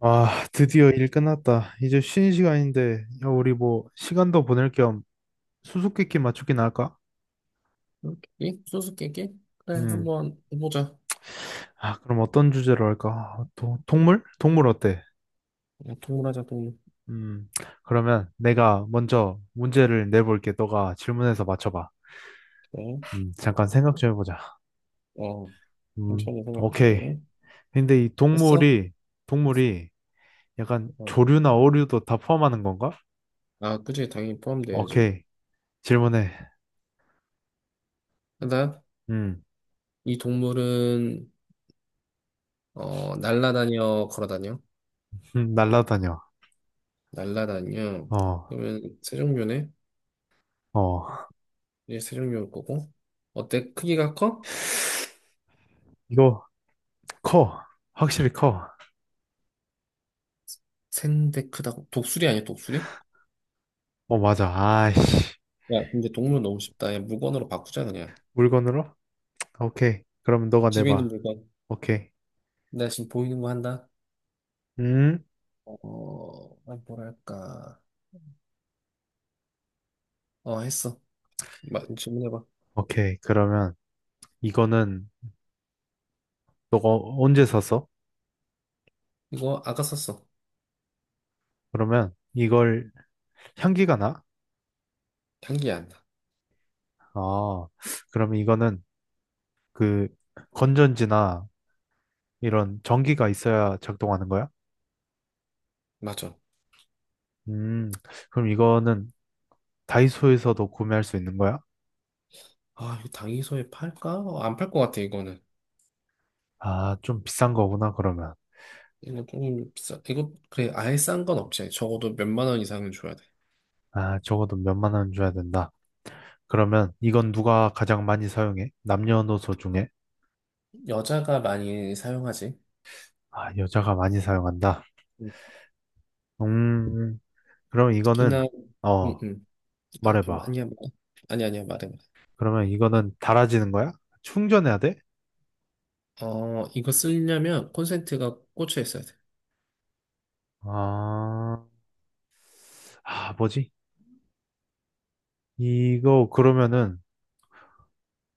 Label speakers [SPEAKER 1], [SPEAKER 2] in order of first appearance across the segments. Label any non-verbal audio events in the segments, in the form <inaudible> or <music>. [SPEAKER 1] 아, 드디어 일 끝났다. 이제 쉬는 시간인데, 야, 우리 뭐, 시간도 보낼 겸 수수께끼 맞추기나 할까?
[SPEAKER 2] 수수께끼? 수수께끼? 그래,
[SPEAKER 1] 음.
[SPEAKER 2] 한번 해보자.
[SPEAKER 1] 아, 그럼 어떤 주제로 할까? 아, 동물? 동물 어때?
[SPEAKER 2] 어, 동물 하자, 동물.
[SPEAKER 1] 음. 그러면 내가 먼저 문제를 내볼게. 너가 질문해서 맞춰봐.
[SPEAKER 2] 그래.
[SPEAKER 1] 잠깐 생각 좀 해보자.
[SPEAKER 2] 어,
[SPEAKER 1] 음,
[SPEAKER 2] 천천히
[SPEAKER 1] 오케이.
[SPEAKER 2] 생각해.
[SPEAKER 1] 근데 이
[SPEAKER 2] 했어?
[SPEAKER 1] 동물이, 동물이 약간
[SPEAKER 2] 어.
[SPEAKER 1] 조류나 어류도 다 포함하는 건가?
[SPEAKER 2] 아, 그치, 당연히 포함돼야지.
[SPEAKER 1] 오케이. 질문해.
[SPEAKER 2] 하
[SPEAKER 1] 음,
[SPEAKER 2] 이 동물은, 날라다녀, 걸어다녀?
[SPEAKER 1] 날라다녀.
[SPEAKER 2] 날라다녀.
[SPEAKER 1] 어,
[SPEAKER 2] 그러면 세 종류네?
[SPEAKER 1] 어.
[SPEAKER 2] 이제 세 종류일 거고. 어때? 크기가 커?
[SPEAKER 1] 이거 커. 확실히 커.
[SPEAKER 2] 센데 크다고? 독수리 아니야, 독수리?
[SPEAKER 1] 어, 맞아. 아이씨.
[SPEAKER 2] 야, 근데 동물 너무 쉽다. 야, 물건으로 바꾸자, 그냥.
[SPEAKER 1] 물건으로? 오케이. 그러면 너가
[SPEAKER 2] 집에 있는
[SPEAKER 1] 내봐.
[SPEAKER 2] 물건.
[SPEAKER 1] 오케이.
[SPEAKER 2] 나 지금 보이는 거 한다.
[SPEAKER 1] 음?
[SPEAKER 2] 어, 아, 뭐랄까. 했어. 마, 질문해봐.
[SPEAKER 1] 오케이. 그러면 이거는 너가 언제 샀어?
[SPEAKER 2] 이거 아까 썼어.
[SPEAKER 1] 그러면 이걸 향기가 나?
[SPEAKER 2] 향기 안 나.
[SPEAKER 1] 아, 그러면 이거는 그 건전지나 이런 전기가 있어야 작동하는 거야?
[SPEAKER 2] 맞아.
[SPEAKER 1] 음, 그럼 이거는 다이소에서도 구매할 수 있는 거야?
[SPEAKER 2] 아, 이거 당이소에 팔까? 안 팔 것 같아, 이거는.
[SPEAKER 1] 아, 좀 비싼 거구나, 그러면.
[SPEAKER 2] 이거 조금 비싸. 이거, 그래, 아예 싼 건 없지. 적어도 몇 만 원 이상은 줘야 돼.
[SPEAKER 1] 아, 적어도 몇만 원 줘야 된다. 그러면 이건 누가 가장 많이 사용해? 남녀노소 중에?
[SPEAKER 2] 여자가 많이 사용하지.
[SPEAKER 1] 아, 여자가 많이 사용한다.
[SPEAKER 2] 음,
[SPEAKER 1] 음, 그럼
[SPEAKER 2] 특히나,
[SPEAKER 1] 이거는,
[SPEAKER 2] 음,
[SPEAKER 1] 어,
[SPEAKER 2] 음. 아니,
[SPEAKER 1] 말해봐.
[SPEAKER 2] 아니야, 뭐. 아니, 아니야, 말해, 말해.
[SPEAKER 1] 그러면 이거는 달아지는 거야? 충전해야 돼?
[SPEAKER 2] 이거 쓰려면 콘센트가 꽂혀 있어야 돼.
[SPEAKER 1] 아, 아, 뭐지? 이거 그러면은,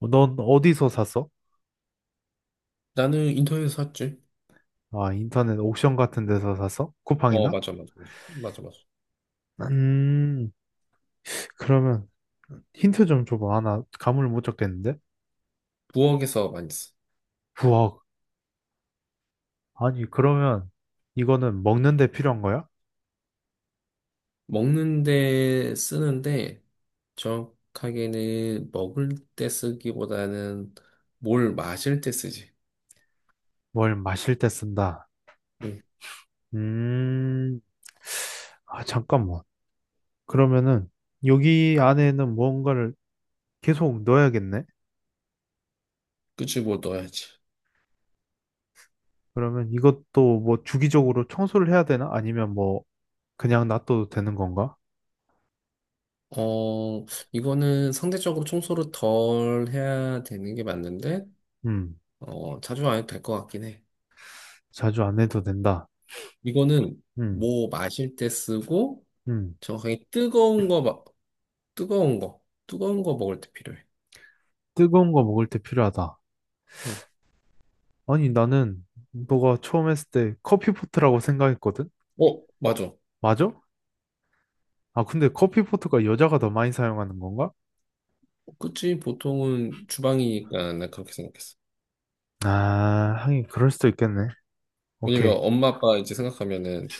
[SPEAKER 1] 넌 어디서 샀어?
[SPEAKER 2] 나는 인터넷에서 샀지.
[SPEAKER 1] 아, 인터넷 옥션 같은 데서 샀어?
[SPEAKER 2] 어,
[SPEAKER 1] 쿠팡이나?
[SPEAKER 2] 맞아, 맞아. 맞아.
[SPEAKER 1] 음, 그러면 힌트 좀 줘봐. 아, 나 감을 못 잡겠는데?
[SPEAKER 2] 부엌에서 많이 써.
[SPEAKER 1] 우와, 아니, 그러면 이거는 먹는 데 필요한 거야?
[SPEAKER 2] 먹는데 쓰는데 정확하게는 먹을 때 쓰기보다는 뭘 마실 때 쓰지.
[SPEAKER 1] 뭘 마실 때 쓴다.
[SPEAKER 2] 응.
[SPEAKER 1] 음, 아, 잠깐만. 그러면은 여기 안에는 무언가를 계속 넣어야겠네?
[SPEAKER 2] 끄집어 넣어야지.
[SPEAKER 1] 그러면 이것도 뭐 주기적으로 청소를 해야 되나? 아니면 뭐 그냥 놔둬도 되는 건가?
[SPEAKER 2] 어, 이거는 상대적으로 청소를 덜 해야 되는 게 맞는데,
[SPEAKER 1] 음,
[SPEAKER 2] 자주 안 해도 될 것 같긴 해.
[SPEAKER 1] 자주 안 해도 된다.
[SPEAKER 2] 이거는
[SPEAKER 1] 음,
[SPEAKER 2] 뭐 마실 때 쓰고,
[SPEAKER 1] 음,
[SPEAKER 2] 정확하게 뜨거운 거, 뜨거운 거, 뜨거운 거 먹을 때 필요해.
[SPEAKER 1] 뜨거운 거 먹을 때 필요하다.
[SPEAKER 2] 응.
[SPEAKER 1] 아니, 나는 너가 처음 했을 때 커피포트라고 생각했거든?
[SPEAKER 2] 어, 맞아.
[SPEAKER 1] 맞아? 아, 근데 커피포트가 여자가 더 많이 사용하는 건가?
[SPEAKER 2] 그치? 보통은 주방이니까 나 그렇게 생각했어.
[SPEAKER 1] 아, 하긴 그럴 수도 있겠네.
[SPEAKER 2] 왜냐면
[SPEAKER 1] 오케이.
[SPEAKER 2] 엄마 아빠 이제 생각하면은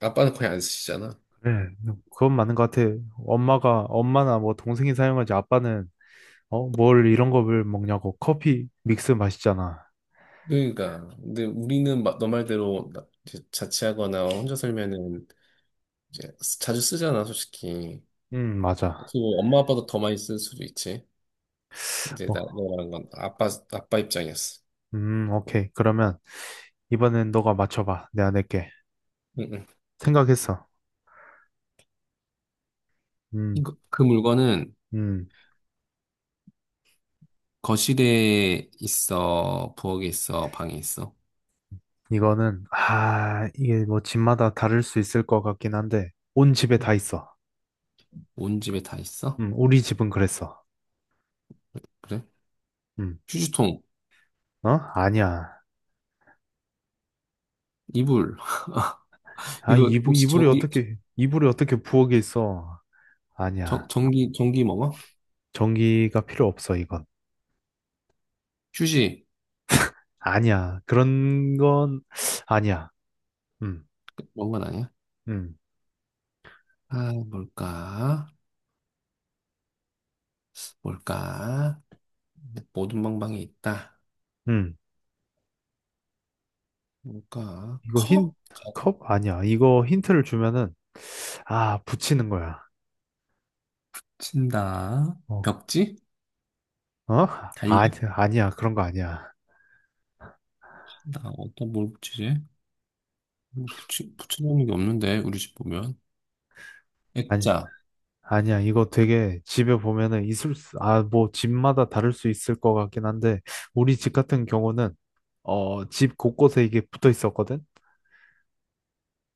[SPEAKER 2] 아빠는 거의 안 쓰시잖아.
[SPEAKER 1] 네, 네, 그건 맞는 것 같아. 엄마나 뭐 동생이 사용하지 아빠는, 어, 뭘 이런 거를 먹냐고. 커피 믹스 마시잖아.
[SPEAKER 2] 그러니까 근데 우리는 너 말대로 이제 자취하거나 혼자 살면은 이제 자주 쓰잖아 솔직히.
[SPEAKER 1] 맞아.
[SPEAKER 2] 그리고 엄마 아빠도 더 많이 쓸 수도 있지. 이제 나
[SPEAKER 1] 어,
[SPEAKER 2] 내가 말한 건 아빠 입장이었어.
[SPEAKER 1] 오케이. 그러면 이번엔 너가 맞춰봐. 내가 낼게.
[SPEAKER 2] 응, 응.
[SPEAKER 1] 생각했어. 음,
[SPEAKER 2] 그 물건은
[SPEAKER 1] 음.
[SPEAKER 2] 거실에 있어, 부엌에 있어, 방에 있어.
[SPEAKER 1] 아, 이게 뭐 집마다 다를 수 있을 것 같긴 한데, 온 집에 다
[SPEAKER 2] 응.
[SPEAKER 1] 있어.
[SPEAKER 2] 온 집에 다 있어?
[SPEAKER 1] 우리 집은 그랬어.
[SPEAKER 2] 그래?
[SPEAKER 1] 음,
[SPEAKER 2] 휴지통,
[SPEAKER 1] 어? 아니야.
[SPEAKER 2] 이불. <laughs>
[SPEAKER 1] 아,
[SPEAKER 2] 이거 혹시 전기
[SPEAKER 1] 이불이 어떻게 부엌에 있어.
[SPEAKER 2] 전-
[SPEAKER 1] 아니야.
[SPEAKER 2] 전기 전기 먹어?
[SPEAKER 1] 전기가 필요 없어, 이건.
[SPEAKER 2] 휴지.
[SPEAKER 1] 아니야. 그런 건 아니야. 음,
[SPEAKER 2] 먹은 건 아니야?
[SPEAKER 1] 음,
[SPEAKER 2] 아, 뭘까? 뭘까? 모든 방방이 있다.
[SPEAKER 1] 음.
[SPEAKER 2] 뭘까?
[SPEAKER 1] 이거
[SPEAKER 2] 커?
[SPEAKER 1] 컵? 아니야. 이거 힌트를 주면은, 아, 붙이는 거야.
[SPEAKER 2] 친다.
[SPEAKER 1] 어?
[SPEAKER 2] 벽지?
[SPEAKER 1] 어? 아니,
[SPEAKER 2] 달력?
[SPEAKER 1] 아니야. 그런 거 아니야.
[SPEAKER 2] 나 어떤 뭘 붙이지? 뭐 붙여놓은 게 없는데, 우리 집 보면.
[SPEAKER 1] 아니,
[SPEAKER 2] 액자.
[SPEAKER 1] 아니야. 이거 되게 집에 보면은 아, 뭐, 집마다 다를 수 있을 것 같긴 한데, 우리 집 같은 경우는, 어, 집 곳곳에 이게 붙어 있었거든?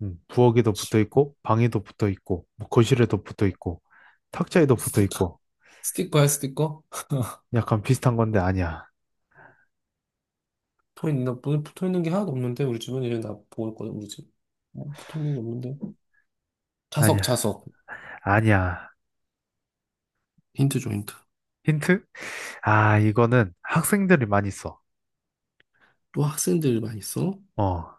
[SPEAKER 1] 부엌에도 붙어 있고, 방에도 붙어 있고, 뭐 거실에도 붙어 있고,
[SPEAKER 2] 뭐
[SPEAKER 1] 탁자에도 붙어
[SPEAKER 2] 스티커.
[SPEAKER 1] 있고,
[SPEAKER 2] 스티커야, 스티커?
[SPEAKER 1] 약간 비슷한 건데 아니야.
[SPEAKER 2] 붙어있는 게 하나도 없는데, 우리 집은 이제 나보있거든 우리 집. 붙어있는 게 없는데. 자석,
[SPEAKER 1] 아니야.
[SPEAKER 2] 자석.
[SPEAKER 1] 아니야.
[SPEAKER 2] 힌트 줘, 힌트.
[SPEAKER 1] 힌트? 아, 이거는 학생들이 많이 써.
[SPEAKER 2] 또 학생들 많이 써?
[SPEAKER 1] 어,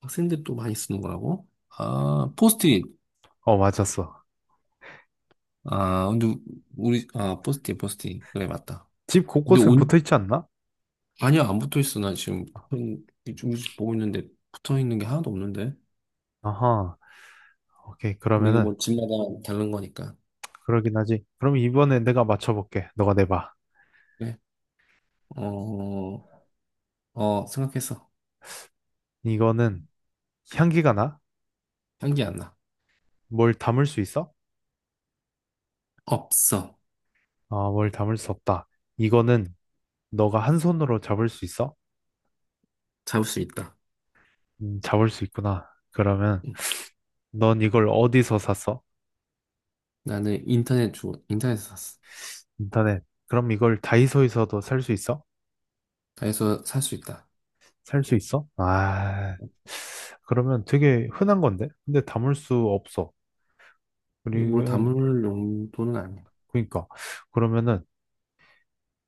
[SPEAKER 2] 학생들 또 많이 쓰는 거라고? 아, 포스트잇.
[SPEAKER 1] 어, 맞았어.
[SPEAKER 2] 아, 근데 우리 아 포스팅 포스팅 그래 맞다.
[SPEAKER 1] 집
[SPEAKER 2] 근데
[SPEAKER 1] 곳곳에
[SPEAKER 2] 온
[SPEAKER 1] 붙어 있지 않나?
[SPEAKER 2] 아니야, 안 붙어 있어. 나 지금 형 이쪽 우리 집 보고 있는데 붙어 있는 게 하나도 없는데.
[SPEAKER 1] 아하. 오케이.
[SPEAKER 2] 그럼 이거
[SPEAKER 1] 그러면은,
[SPEAKER 2] 뭐 집마다 다른 거니까.
[SPEAKER 1] 그러긴 하지. 그럼 이번에 내가 맞춰볼게. 너가 내봐.
[SPEAKER 2] 그래. 어, 어, 생각했어.
[SPEAKER 1] 이거는 향기가 나?
[SPEAKER 2] 향기 안 나.
[SPEAKER 1] 뭘 담을 수 있어?
[SPEAKER 2] 없어.
[SPEAKER 1] 아, 뭘 담을 수 없다. 이거는 너가 한 손으로 잡을 수 있어?
[SPEAKER 2] 잡을 수 있다.
[SPEAKER 1] 잡을 수 있구나. 그러면
[SPEAKER 2] 응.
[SPEAKER 1] 넌 이걸 어디서 샀어?
[SPEAKER 2] 나는 인터넷에서 샀어.
[SPEAKER 1] 인터넷. 그럼 이걸 다이소에서도 살 수 있어?
[SPEAKER 2] 다해서 살 수 있다.
[SPEAKER 1] 살 수 있어? 아, 그러면 되게 흔한 건데? 근데 담을 수 없어.
[SPEAKER 2] 이뭘
[SPEAKER 1] 그리고,
[SPEAKER 2] 담을 용도는 아니야.
[SPEAKER 1] 그러니까. 그러면은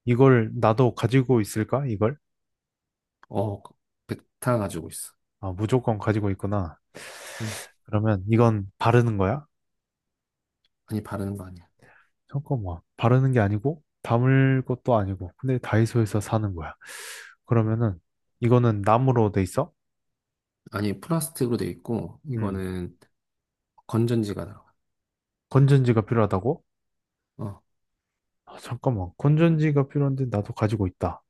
[SPEAKER 1] 이걸 나도 가지고 있을까? 이걸?
[SPEAKER 2] 어 베타 가지고 있어.
[SPEAKER 1] 아, 무조건 가지고 있구나.
[SPEAKER 2] 응.
[SPEAKER 1] 그러면 이건 바르는 거야?
[SPEAKER 2] 아니 바르는 거 아니야.
[SPEAKER 1] 잠깐만. 바르는 게 아니고, 담을 것도 아니고, 근데 다이소에서 사는 거야.
[SPEAKER 2] 응.
[SPEAKER 1] 그러면은 이거는 나무로 돼 있어?
[SPEAKER 2] 아니 플라스틱으로 돼 있고
[SPEAKER 1] 음.
[SPEAKER 2] 이거는 건전지가 들어가.
[SPEAKER 1] 건전지가 필요하다고?
[SPEAKER 2] 어,
[SPEAKER 1] 아, 잠깐만. 건전지가 필요한데 나도 가지고 있다.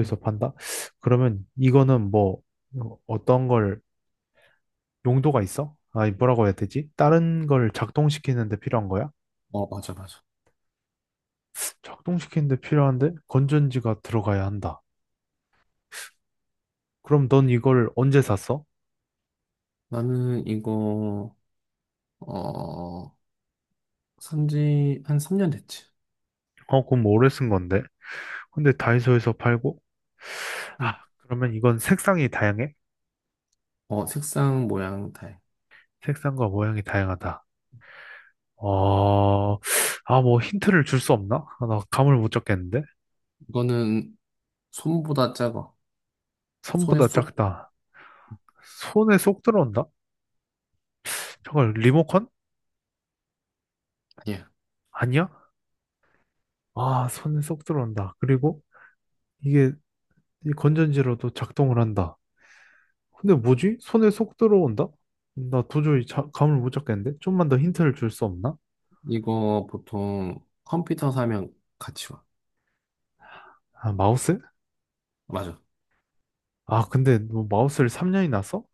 [SPEAKER 2] 어,
[SPEAKER 1] 판다? 그러면 이거는 뭐 어떤 걸 용도가 있어? 아 뭐라고 해야 되지? 다른 걸 작동시키는데 필요한 거야?
[SPEAKER 2] 어, 맞아, 맞아.
[SPEAKER 1] 작동시키는데 필요한데 건전지가 들어가야 한다. 그럼 넌 이걸 언제 샀어?
[SPEAKER 2] 나는 이거, 어, 산지 한 3년 됐지.
[SPEAKER 1] 어, 그럼 오래 쓴 건데. 근데 다이소에서 팔고?
[SPEAKER 2] 응.
[SPEAKER 1] 아, 그러면 이건 색상이 다양해?
[SPEAKER 2] 어, 색상, 모양, 다 해.
[SPEAKER 1] 색상과 모양이 다양하다. 어, 아, 뭐 힌트를 줄 수 없나? 아, 나 감을 못 잡겠는데?
[SPEAKER 2] 이거는 손보다 작아. 손에
[SPEAKER 1] 손보다
[SPEAKER 2] 쏙,
[SPEAKER 1] 작다. 손에 쏙 들어온다? 잠깐, 리모컨?
[SPEAKER 2] 아니야.
[SPEAKER 1] 아니야? 아, 손에 쏙 들어온다. 그리고 이게 이 건전지로도 작동을 한다. 근데 뭐지? 손에 쏙 들어온다? 나 도저히 감을 못 잡겠는데? 좀만 더 힌트를 줄 수 없나?
[SPEAKER 2] 이거 보통 컴퓨터 사면 같이 와.
[SPEAKER 1] 아, 마우스?
[SPEAKER 2] 맞아.
[SPEAKER 1] 아, 근데 너 마우스를 3년이나 써?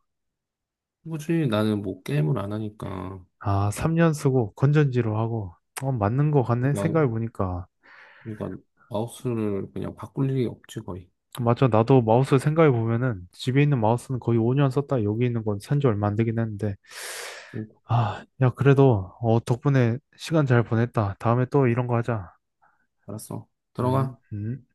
[SPEAKER 2] 굳이 나는 뭐 게임을 안 하니까.
[SPEAKER 1] 아, 3년 쓰고 건전지로 하고. 어, 맞는 거 같네?
[SPEAKER 2] 그러니까,
[SPEAKER 1] 생각해보니까.
[SPEAKER 2] 그러니까 마우스를 그냥 바꿀 일이 없지, 거의.
[SPEAKER 1] 맞아. 나도 마우스 생각해 보면은 집에 있는 마우스는 거의 5년 썼다. 여기 있는 건 산지 얼마 안 되긴 했는데.
[SPEAKER 2] 응,
[SPEAKER 1] 아, 야, 그래도 어, 덕분에 시간 잘 보냈다. 다음에 또 이런 거 하자.
[SPEAKER 2] 알았어.
[SPEAKER 1] 음,
[SPEAKER 2] 들어가.
[SPEAKER 1] 음.